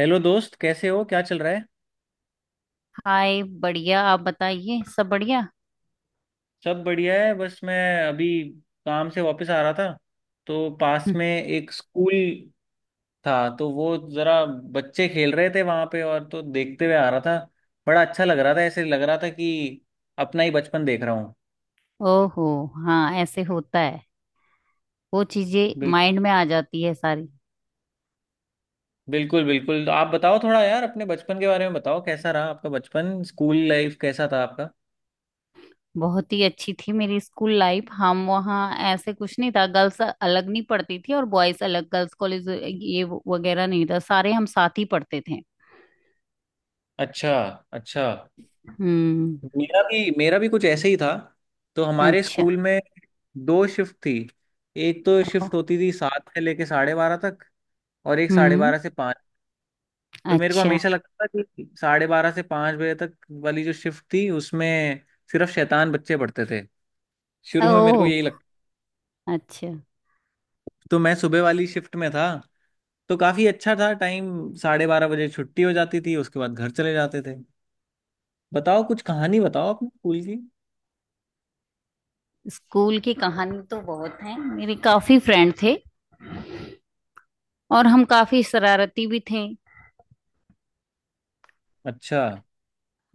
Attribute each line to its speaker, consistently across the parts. Speaker 1: Hello दोस्त, कैसे हो? क्या चल रहा है?
Speaker 2: हाय, बढ़िया। आप बताइए, सब बढ़िया।
Speaker 1: सब बढ़िया है। बस मैं अभी काम से वापस आ रहा था, तो पास
Speaker 2: हम्म।
Speaker 1: में एक स्कूल था, तो वो ज़रा बच्चे खेल रहे थे वहाँ पे, और तो देखते हुए आ रहा था। बड़ा अच्छा लग रहा था, ऐसे लग रहा था कि अपना ही बचपन देख रहा हूँ।
Speaker 2: ओहो। हाँ, ऐसे होता है। वो चीजें
Speaker 1: बिल,
Speaker 2: माइंड में आ जाती है सारी।
Speaker 1: बिल्कुल बिल्कुल। तो आप बताओ थोड़ा यार, अपने बचपन के बारे में बताओ। कैसा रहा आपका बचपन? स्कूल लाइफ कैसा था आपका?
Speaker 2: बहुत ही अच्छी थी मेरी स्कूल लाइफ। हम वहाँ ऐसे कुछ नहीं था, गर्ल्स अलग नहीं पढ़ती थी और बॉयज अलग, गर्ल्स कॉलेज वगैरह नहीं था, सारे हम साथ ही पढ़ते थे।
Speaker 1: अच्छा। अच्छा।
Speaker 2: हम्म।
Speaker 1: मेरा भी कुछ ऐसे ही था। तो हमारे
Speaker 2: अच्छा।
Speaker 1: स्कूल में 2 शिफ्ट थी। एक तो
Speaker 2: ओ।
Speaker 1: शिफ्ट होती थी 7 से लेके 12:30 तक, और एक साढ़े
Speaker 2: हम्म।
Speaker 1: बारह से पाँच तो मेरे को
Speaker 2: अच्छा।
Speaker 1: हमेशा लगता था कि 12:30 से 5 बजे तक वाली जो शिफ्ट थी उसमें सिर्फ शैतान बच्चे पढ़ते थे, शुरू में मेरे को
Speaker 2: ओ।
Speaker 1: यही लगता।
Speaker 2: अच्छा।
Speaker 1: तो मैं सुबह वाली शिफ्ट में था, तो काफी अच्छा था टाइम। 12:30 बजे छुट्टी हो जाती थी, उसके बाद घर चले जाते थे। बताओ कुछ कहानी बताओ अपने स्कूल की।
Speaker 2: स्कूल की कहानी तो बहुत है, मेरे काफी फ्रेंड थे और हम काफी शरारती भी थे।
Speaker 1: अच्छा,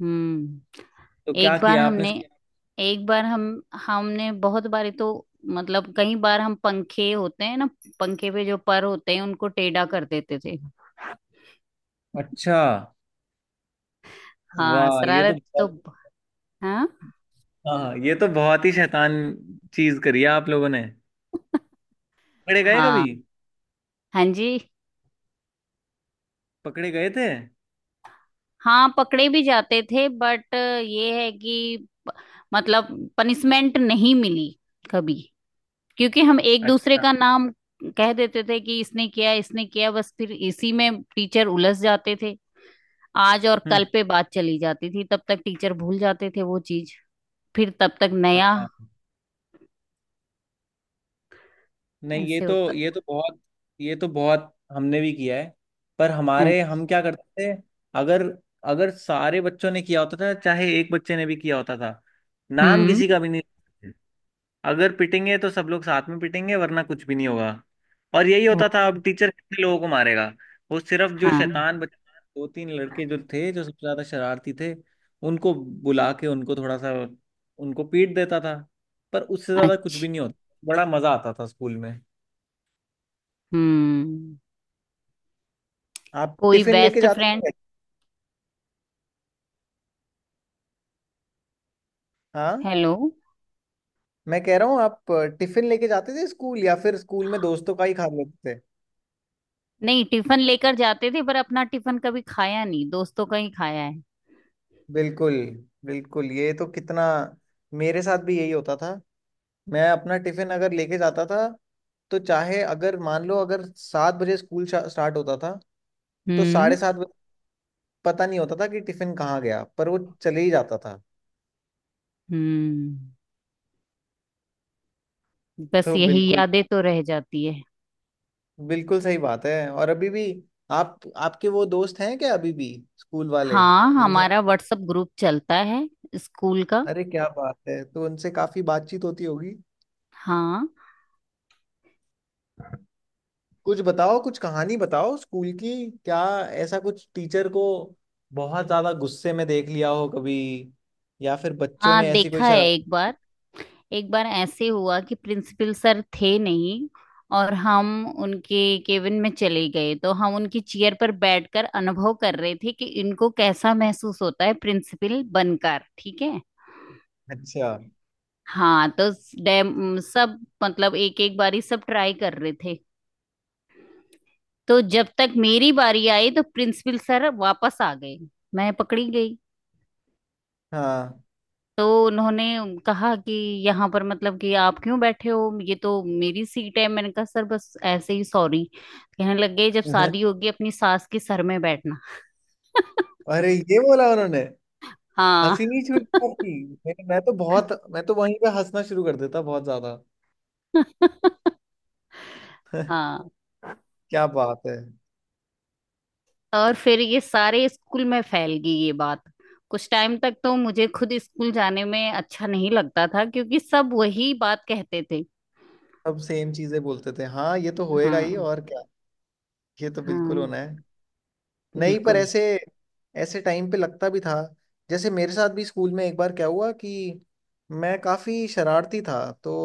Speaker 2: हम्म।
Speaker 1: तो क्या
Speaker 2: एक बार
Speaker 1: किया आपने?
Speaker 2: हमने एक बार हम हमने बहुत बारी तो मतलब कई बार, हम पंखे होते हैं ना, पंखे पे जो पर होते हैं उनको टेढ़ा कर देते थे।
Speaker 1: अच्छा,
Speaker 2: हाँ,
Speaker 1: वाह, ये तो
Speaker 2: शरारत तो।
Speaker 1: बहुत।
Speaker 2: हाँ।
Speaker 1: हाँ, ये तो बहुत ही शैतान चीज करी है आप लोगों ने। पकड़े गए कभी?
Speaker 2: हाँ। हाँ जी।
Speaker 1: पकड़े गए थे?
Speaker 2: हाँ, पकड़े भी जाते थे बट ये है कि, मतलब, पनिशमेंट नहीं मिली कभी, क्योंकि हम एक दूसरे
Speaker 1: अच्छा।
Speaker 2: का नाम कह देते थे कि इसने किया, इसने किया। बस फिर इसी में टीचर उलझ जाते थे। आज और
Speaker 1: हम्म।
Speaker 2: कल पे बात चली जाती थी, तब तक टीचर भूल जाते थे वो चीज। फिर तब तक नया।
Speaker 1: हाँ। नहीं, ये
Speaker 2: ऐसे होता।
Speaker 1: तो बहुत ये तो बहुत हमने भी किया है। पर हमारे,
Speaker 2: अच्छा।
Speaker 1: हम क्या करते थे, अगर अगर सारे बच्चों ने किया होता था, चाहे एक बच्चे ने भी किया होता था, नाम
Speaker 2: हम्म।
Speaker 1: किसी का भी नहीं। अगर पिटेंगे तो सब लोग साथ में पिटेंगे, वरना कुछ भी नहीं होगा। और यही
Speaker 2: ओ।
Speaker 1: होता था, अब टीचर कितने लोगों को मारेगा। वो सिर्फ जो
Speaker 2: हाँ।
Speaker 1: शैतान दो तीन लड़के जो थे, जो सबसे ज्यादा शरारती थे, उनको बुला के, उनको थोड़ा सा, उनको पीट देता था। पर उससे ज्यादा कुछ
Speaker 2: अच्छा।
Speaker 1: भी नहीं होता। बड़ा मजा आता था स्कूल में।
Speaker 2: हम्म।
Speaker 1: आप
Speaker 2: कोई
Speaker 1: टिफिन लेके
Speaker 2: बेस्ट
Speaker 1: जाते
Speaker 2: फ्रेंड?
Speaker 1: थे? हाँ,
Speaker 2: हेलो।
Speaker 1: मैं कह रहा हूँ, आप टिफिन लेके जाते थे स्कूल, या फिर स्कूल में दोस्तों का ही खा लेते थे?
Speaker 2: नहीं, टिफिन लेकर जाते थे पर अपना टिफिन कभी खाया नहीं, दोस्तों का ही खाया है।
Speaker 1: बिल्कुल बिल्कुल, ये तो कितना। मेरे साथ भी यही होता था। मैं अपना टिफिन अगर लेके जाता था, तो चाहे अगर मान लो, अगर 7 बजे स्कूल स्टार्ट होता था तो
Speaker 2: हम्म।
Speaker 1: 7:30 बजे पता नहीं होता था कि टिफिन कहाँ गया, पर वो चले ही जाता था।
Speaker 2: हम्म। बस
Speaker 1: तो
Speaker 2: यही
Speaker 1: बिल्कुल,
Speaker 2: यादें तो रह जाती है।
Speaker 1: बिल्कुल सही बात है। और अभी भी, आप, आपके वो दोस्त हैं क्या अभी भी, स्कूल वाले
Speaker 2: हाँ,
Speaker 1: जिनसे?
Speaker 2: हमारा व्हाट्सएप ग्रुप चलता है स्कूल का।
Speaker 1: अरे क्या बात है! तो उनसे काफी बातचीत होती होगी।
Speaker 2: हाँ।
Speaker 1: कुछ बताओ, कुछ कहानी बताओ स्कूल की। क्या ऐसा कुछ टीचर को बहुत ज्यादा गुस्से में देख लिया हो कभी, या फिर बच्चों
Speaker 2: हाँ,
Speaker 1: ने ऐसी कोई
Speaker 2: देखा है
Speaker 1: शराब।
Speaker 2: एक बार। एक बार ऐसे हुआ कि प्रिंसिपल सर थे नहीं और हम उनके केबिन में चले गए। तो हम उनकी चेयर पर बैठकर अनुभव कर रहे थे कि इनको कैसा महसूस होता है प्रिंसिपल बनकर, ठीक है।
Speaker 1: अच्छा।
Speaker 2: हाँ, तो डैम सब, मतलब, एक एक बारी सब ट्राई कर रहे थे। तो जब तक मेरी बारी आई, तो प्रिंसिपल सर वापस आ गए, मैं पकड़ी गई।
Speaker 1: हाँ।
Speaker 2: तो उन्होंने कहा कि यहाँ पर, मतलब कि आप क्यों बैठे हो, ये तो मेरी सीट है। मैंने कहा सर बस ऐसे ही, सॉरी कहने लग गए, जब शादी होगी अपनी सास के सर में बैठना।
Speaker 1: अरे ये बोला उन्होंने?
Speaker 2: हाँ।
Speaker 1: हंसी नहीं छूटती आपकी? मैं तो वहीं पे हंसना शुरू कर देता बहुत ज्यादा।
Speaker 2: हाँ,
Speaker 1: क्या बात है।
Speaker 2: और फिर ये सारे स्कूल में फैल गई ये बात। कुछ टाइम तक तो मुझे खुद स्कूल जाने में अच्छा नहीं लगता था, क्योंकि सब वही बात कहते थे।
Speaker 1: सब सेम चीजें बोलते थे, हाँ, ये तो होएगा ही,
Speaker 2: हाँ।
Speaker 1: और क्या। ये तो बिल्कुल
Speaker 2: हाँ।
Speaker 1: होना है। नहीं, पर
Speaker 2: बिल्कुल।
Speaker 1: ऐसे ऐसे टाइम पे लगता भी था। जैसे मेरे साथ भी स्कूल में एक बार क्या हुआ कि मैं काफ़ी शरारती था, तो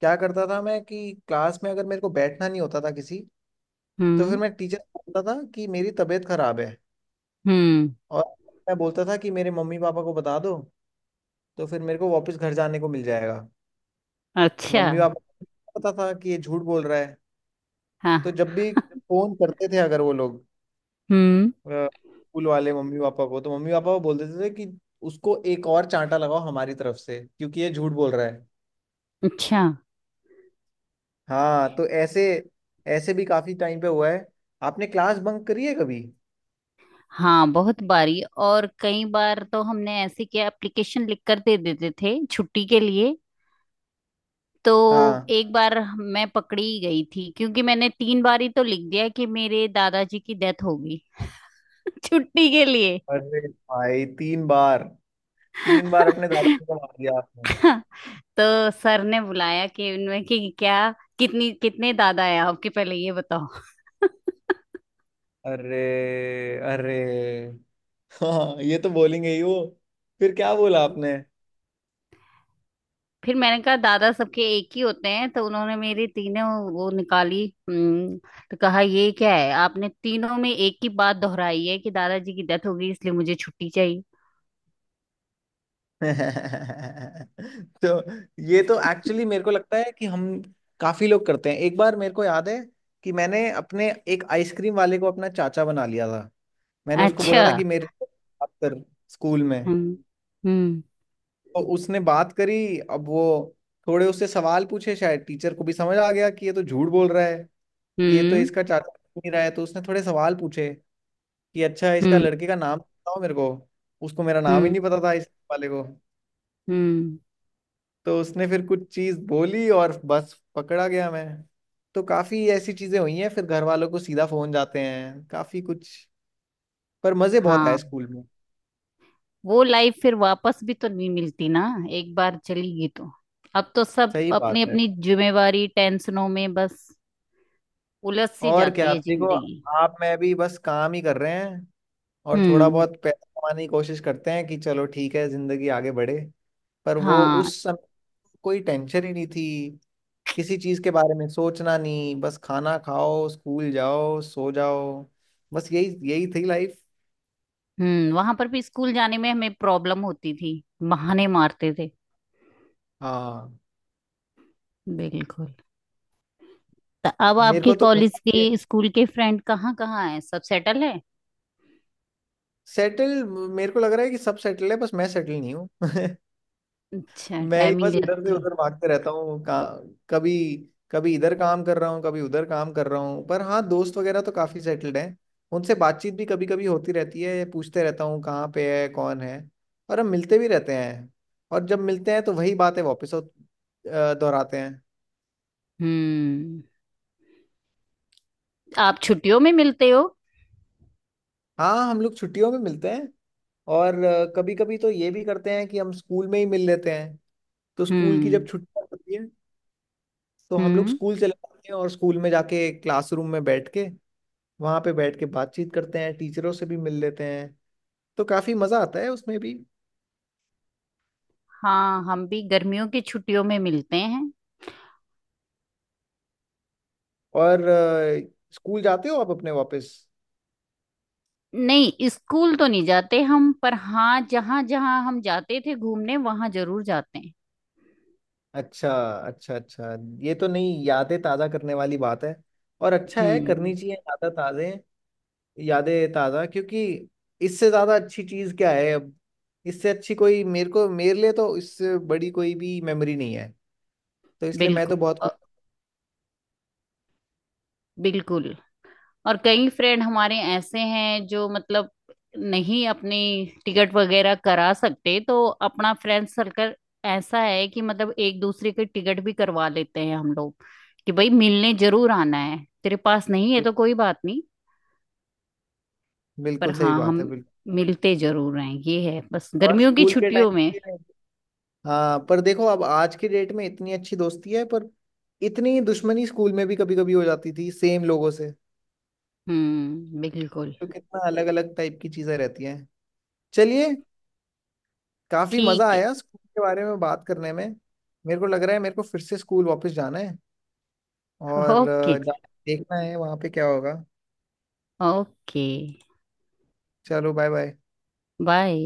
Speaker 1: क्या करता था मैं कि क्लास में अगर मेरे को बैठना नहीं होता था किसी, तो
Speaker 2: हम्म।
Speaker 1: फिर मैं टीचर को बोलता था कि मेरी तबीयत खराब है,
Speaker 2: हम्म।
Speaker 1: और मैं बोलता था कि मेरे मम्मी पापा को बता दो, तो फिर मेरे को वापस घर जाने को मिल जाएगा।
Speaker 2: अच्छा।
Speaker 1: मम्मी पापा को पता था कि ये झूठ बोल रहा है,
Speaker 2: हाँ।
Speaker 1: तो जब भी फोन करते थे अगर वो लोग,
Speaker 2: हम्म।
Speaker 1: स्कूल वाले, मम्मी पापा को, तो मम्मी पापा को बोल देते थे कि उसको एक और चांटा लगाओ हमारी तरफ से, क्योंकि ये झूठ बोल रहा है।
Speaker 2: अच्छा।
Speaker 1: हाँ, तो ऐसे ऐसे भी काफी टाइम पे हुआ है। आपने क्लास बंक करी है कभी?
Speaker 2: हाँ, बहुत बारी। और कई बार तो हमने ऐसे किया, एप्लीकेशन लिख कर दे देते थे छुट्टी के लिए। तो
Speaker 1: हाँ।
Speaker 2: एक बार मैं पकड़ी गई थी, क्योंकि मैंने 3 बार ही तो लिख दिया कि मेरे दादाजी की डेथ हो गई। छुट्टी के लिए।
Speaker 1: अरे भाई, 3 बार? 3 बार अपने दादाजी को मार दिया आपने?
Speaker 2: हाँ, तो सर ने बुलाया कि, उनमें कि क्या, कितनी कितने दादा है आपके, पहले ये बताओ।
Speaker 1: अरे, अरे, हाँ, ये तो बोलेंगे ही वो। फिर क्या बोला आपने?
Speaker 2: फिर मैंने कहा दादा सबके एक ही होते हैं, तो उन्होंने मेरी तीनों वो निकाली। हम्म। तो कहा ये क्या है, आपने तीनों में एक ही बात दोहराई है कि दादाजी की डेथ हो गई, इसलिए मुझे छुट्टी चाहिए।
Speaker 1: तो ये तो एक्चुअली मेरे को लगता है कि हम, काफी लोग करते हैं। एक बार मेरे को याद है कि मैंने अपने एक आइसक्रीम वाले को अपना चाचा बना लिया था। मैंने उसको बोला
Speaker 2: अच्छा।
Speaker 1: था कि मेरे को बात कर स्कूल में।
Speaker 2: हम्म। हम्म।
Speaker 1: तो उसने बात करी, अब वो, थोड़े उससे सवाल पूछे, शायद टीचर को भी समझ आ गया कि ये तो झूठ बोल रहा है, कि ये तो
Speaker 2: हम्म।
Speaker 1: इसका चाचा नहीं रहा है। तो उसने थोड़े सवाल पूछे कि अच्छा, इसका
Speaker 2: हम्म।
Speaker 1: लड़के का नाम बताओ मेरे को। उसको मेरा नाम ही
Speaker 2: हम्म।
Speaker 1: नहीं पता था, इस वाले को।
Speaker 2: हम्म।
Speaker 1: तो उसने फिर कुछ चीज बोली और बस पकड़ा गया मैं। तो काफी ऐसी चीजें हुई हैं, फिर घर वालों को सीधा फोन जाते हैं, काफी कुछ। पर मजे बहुत आए
Speaker 2: हाँ,
Speaker 1: स्कूल में।
Speaker 2: वो लाइफ फिर वापस भी तो नहीं मिलती ना। एक बार चली गई तो अब तो सब
Speaker 1: सही बात
Speaker 2: अपनी
Speaker 1: है,
Speaker 2: अपनी जिम्मेवारी, टेंशनों में बस उलझ सी
Speaker 1: और
Speaker 2: जाती
Speaker 1: क्या।
Speaker 2: है
Speaker 1: आप देखो,
Speaker 2: जिंदगी।
Speaker 1: आप मैं भी बस काम ही कर रहे हैं, और थोड़ा
Speaker 2: हम्म।
Speaker 1: बहुत पैसा कमाने की कोशिश करते हैं कि चलो ठीक है, जिंदगी आगे बढ़े। पर वो
Speaker 2: हाँ।
Speaker 1: उस समय कोई टेंशन ही नहीं थी। किसी चीज के बारे में सोचना नहीं, बस खाना खाओ, स्कूल जाओ, सो जाओ। बस यही यही थी लाइफ।
Speaker 2: हम्म। वहां पर भी स्कूल जाने में हमें प्रॉब्लम होती थी, बहाने मारते थे।
Speaker 1: हाँ।
Speaker 2: बिल्कुल। तो अब
Speaker 1: मेरे
Speaker 2: आपके
Speaker 1: को तो,
Speaker 2: कॉलेज के, स्कूल के फ्रेंड कहाँ कहाँ हैं, सब सेटल है?
Speaker 1: सेटल मेरे को लग रहा है कि सब सेटल है, बस मैं सेटल नहीं हूँ।
Speaker 2: अच्छा,
Speaker 1: मैं ही
Speaker 2: टाइमिंग
Speaker 1: बस इधर से
Speaker 2: लगती है।
Speaker 1: उधर भागते रहता हूँ, कभी, कभी इधर काम कर रहा हूँ, कभी उधर काम कर रहा हूँ। पर हाँ, दोस्त वगैरह तो काफी सेटल्ड हैं। उनसे बातचीत भी कभी कभी होती रहती है, पूछते रहता हूँ कहाँ पे है कौन है। और हम मिलते भी रहते हैं, और जब मिलते हैं तो वही बातें वापस दोहराते हैं।
Speaker 2: हम्म। आप छुट्टियों में मिलते हो?
Speaker 1: हाँ, हम लोग छुट्टियों में मिलते हैं। और कभी कभी तो ये भी करते हैं कि हम स्कूल में ही मिल लेते हैं। तो स्कूल की जब
Speaker 2: हम्म।
Speaker 1: छुट्टियां होती है तो हम लोग
Speaker 2: हम्म।
Speaker 1: स्कूल चले जाते हैं, और स्कूल में जाके क्लासरूम में बैठ के, वहां पे बैठ के बातचीत करते हैं, टीचरों से भी मिल लेते हैं। तो काफी मजा आता है उसमें भी।
Speaker 2: हाँ, हम भी गर्मियों की छुट्टियों में मिलते हैं।
Speaker 1: और स्कूल जाते हो आप अपने वापस?
Speaker 2: नहीं, स्कूल तो नहीं जाते हम, पर हाँ, जहाँ जहाँ हम जाते थे घूमने वहां जरूर जाते हैं।
Speaker 1: अच्छा, अच्छा, अच्छा। ये तो नहीं, यादें ताज़ा करने वाली बात है, और अच्छा है,
Speaker 2: हम्म।
Speaker 1: करनी चाहिए यादा ताज़े, यादें ताज़ा, क्योंकि इससे ज़्यादा अच्छी चीज़ क्या है अब? इससे अच्छी कोई, मेरे को, मेरे लिए तो इससे बड़ी कोई भी मेमोरी नहीं है, तो इसलिए मैं तो
Speaker 2: बिल्कुल।
Speaker 1: बहुत
Speaker 2: अ,
Speaker 1: खुश।
Speaker 2: बिल्कुल। और कई फ्रेंड हमारे ऐसे हैं जो, मतलब, नहीं अपनी टिकट वगैरह करा सकते, तो अपना फ्रेंड सर्कल ऐसा है कि, मतलब, एक दूसरे के टिकट भी करवा लेते हैं हम लोग, कि भाई मिलने जरूर आना है, तेरे पास नहीं है तो कोई बात नहीं। पर
Speaker 1: बिल्कुल सही
Speaker 2: हाँ,
Speaker 1: बात है,
Speaker 2: हम
Speaker 1: बिल्कुल।
Speaker 2: मिलते जरूर हैं, ये है, बस
Speaker 1: और
Speaker 2: गर्मियों की
Speaker 1: स्कूल के
Speaker 2: छुट्टियों में।
Speaker 1: टाइम, हाँ, पर देखो अब आज की डेट में इतनी अच्छी दोस्ती है, पर इतनी दुश्मनी स्कूल में भी कभी कभी हो जाती थी सेम लोगों से।
Speaker 2: हम्म। बिल्कुल।
Speaker 1: तो कितना अलग अलग टाइप की चीजें रहती हैं। चलिए, काफी मजा
Speaker 2: ठीक
Speaker 1: आया स्कूल के बारे में बात करने में। मेरे को लग रहा है मेरे को फिर से स्कूल वापस जाना है,
Speaker 2: है।
Speaker 1: और
Speaker 2: ओके जी।
Speaker 1: जाके देखना है वहां पे क्या होगा।
Speaker 2: ओके।
Speaker 1: चलो, बाय बाय।
Speaker 2: बाय।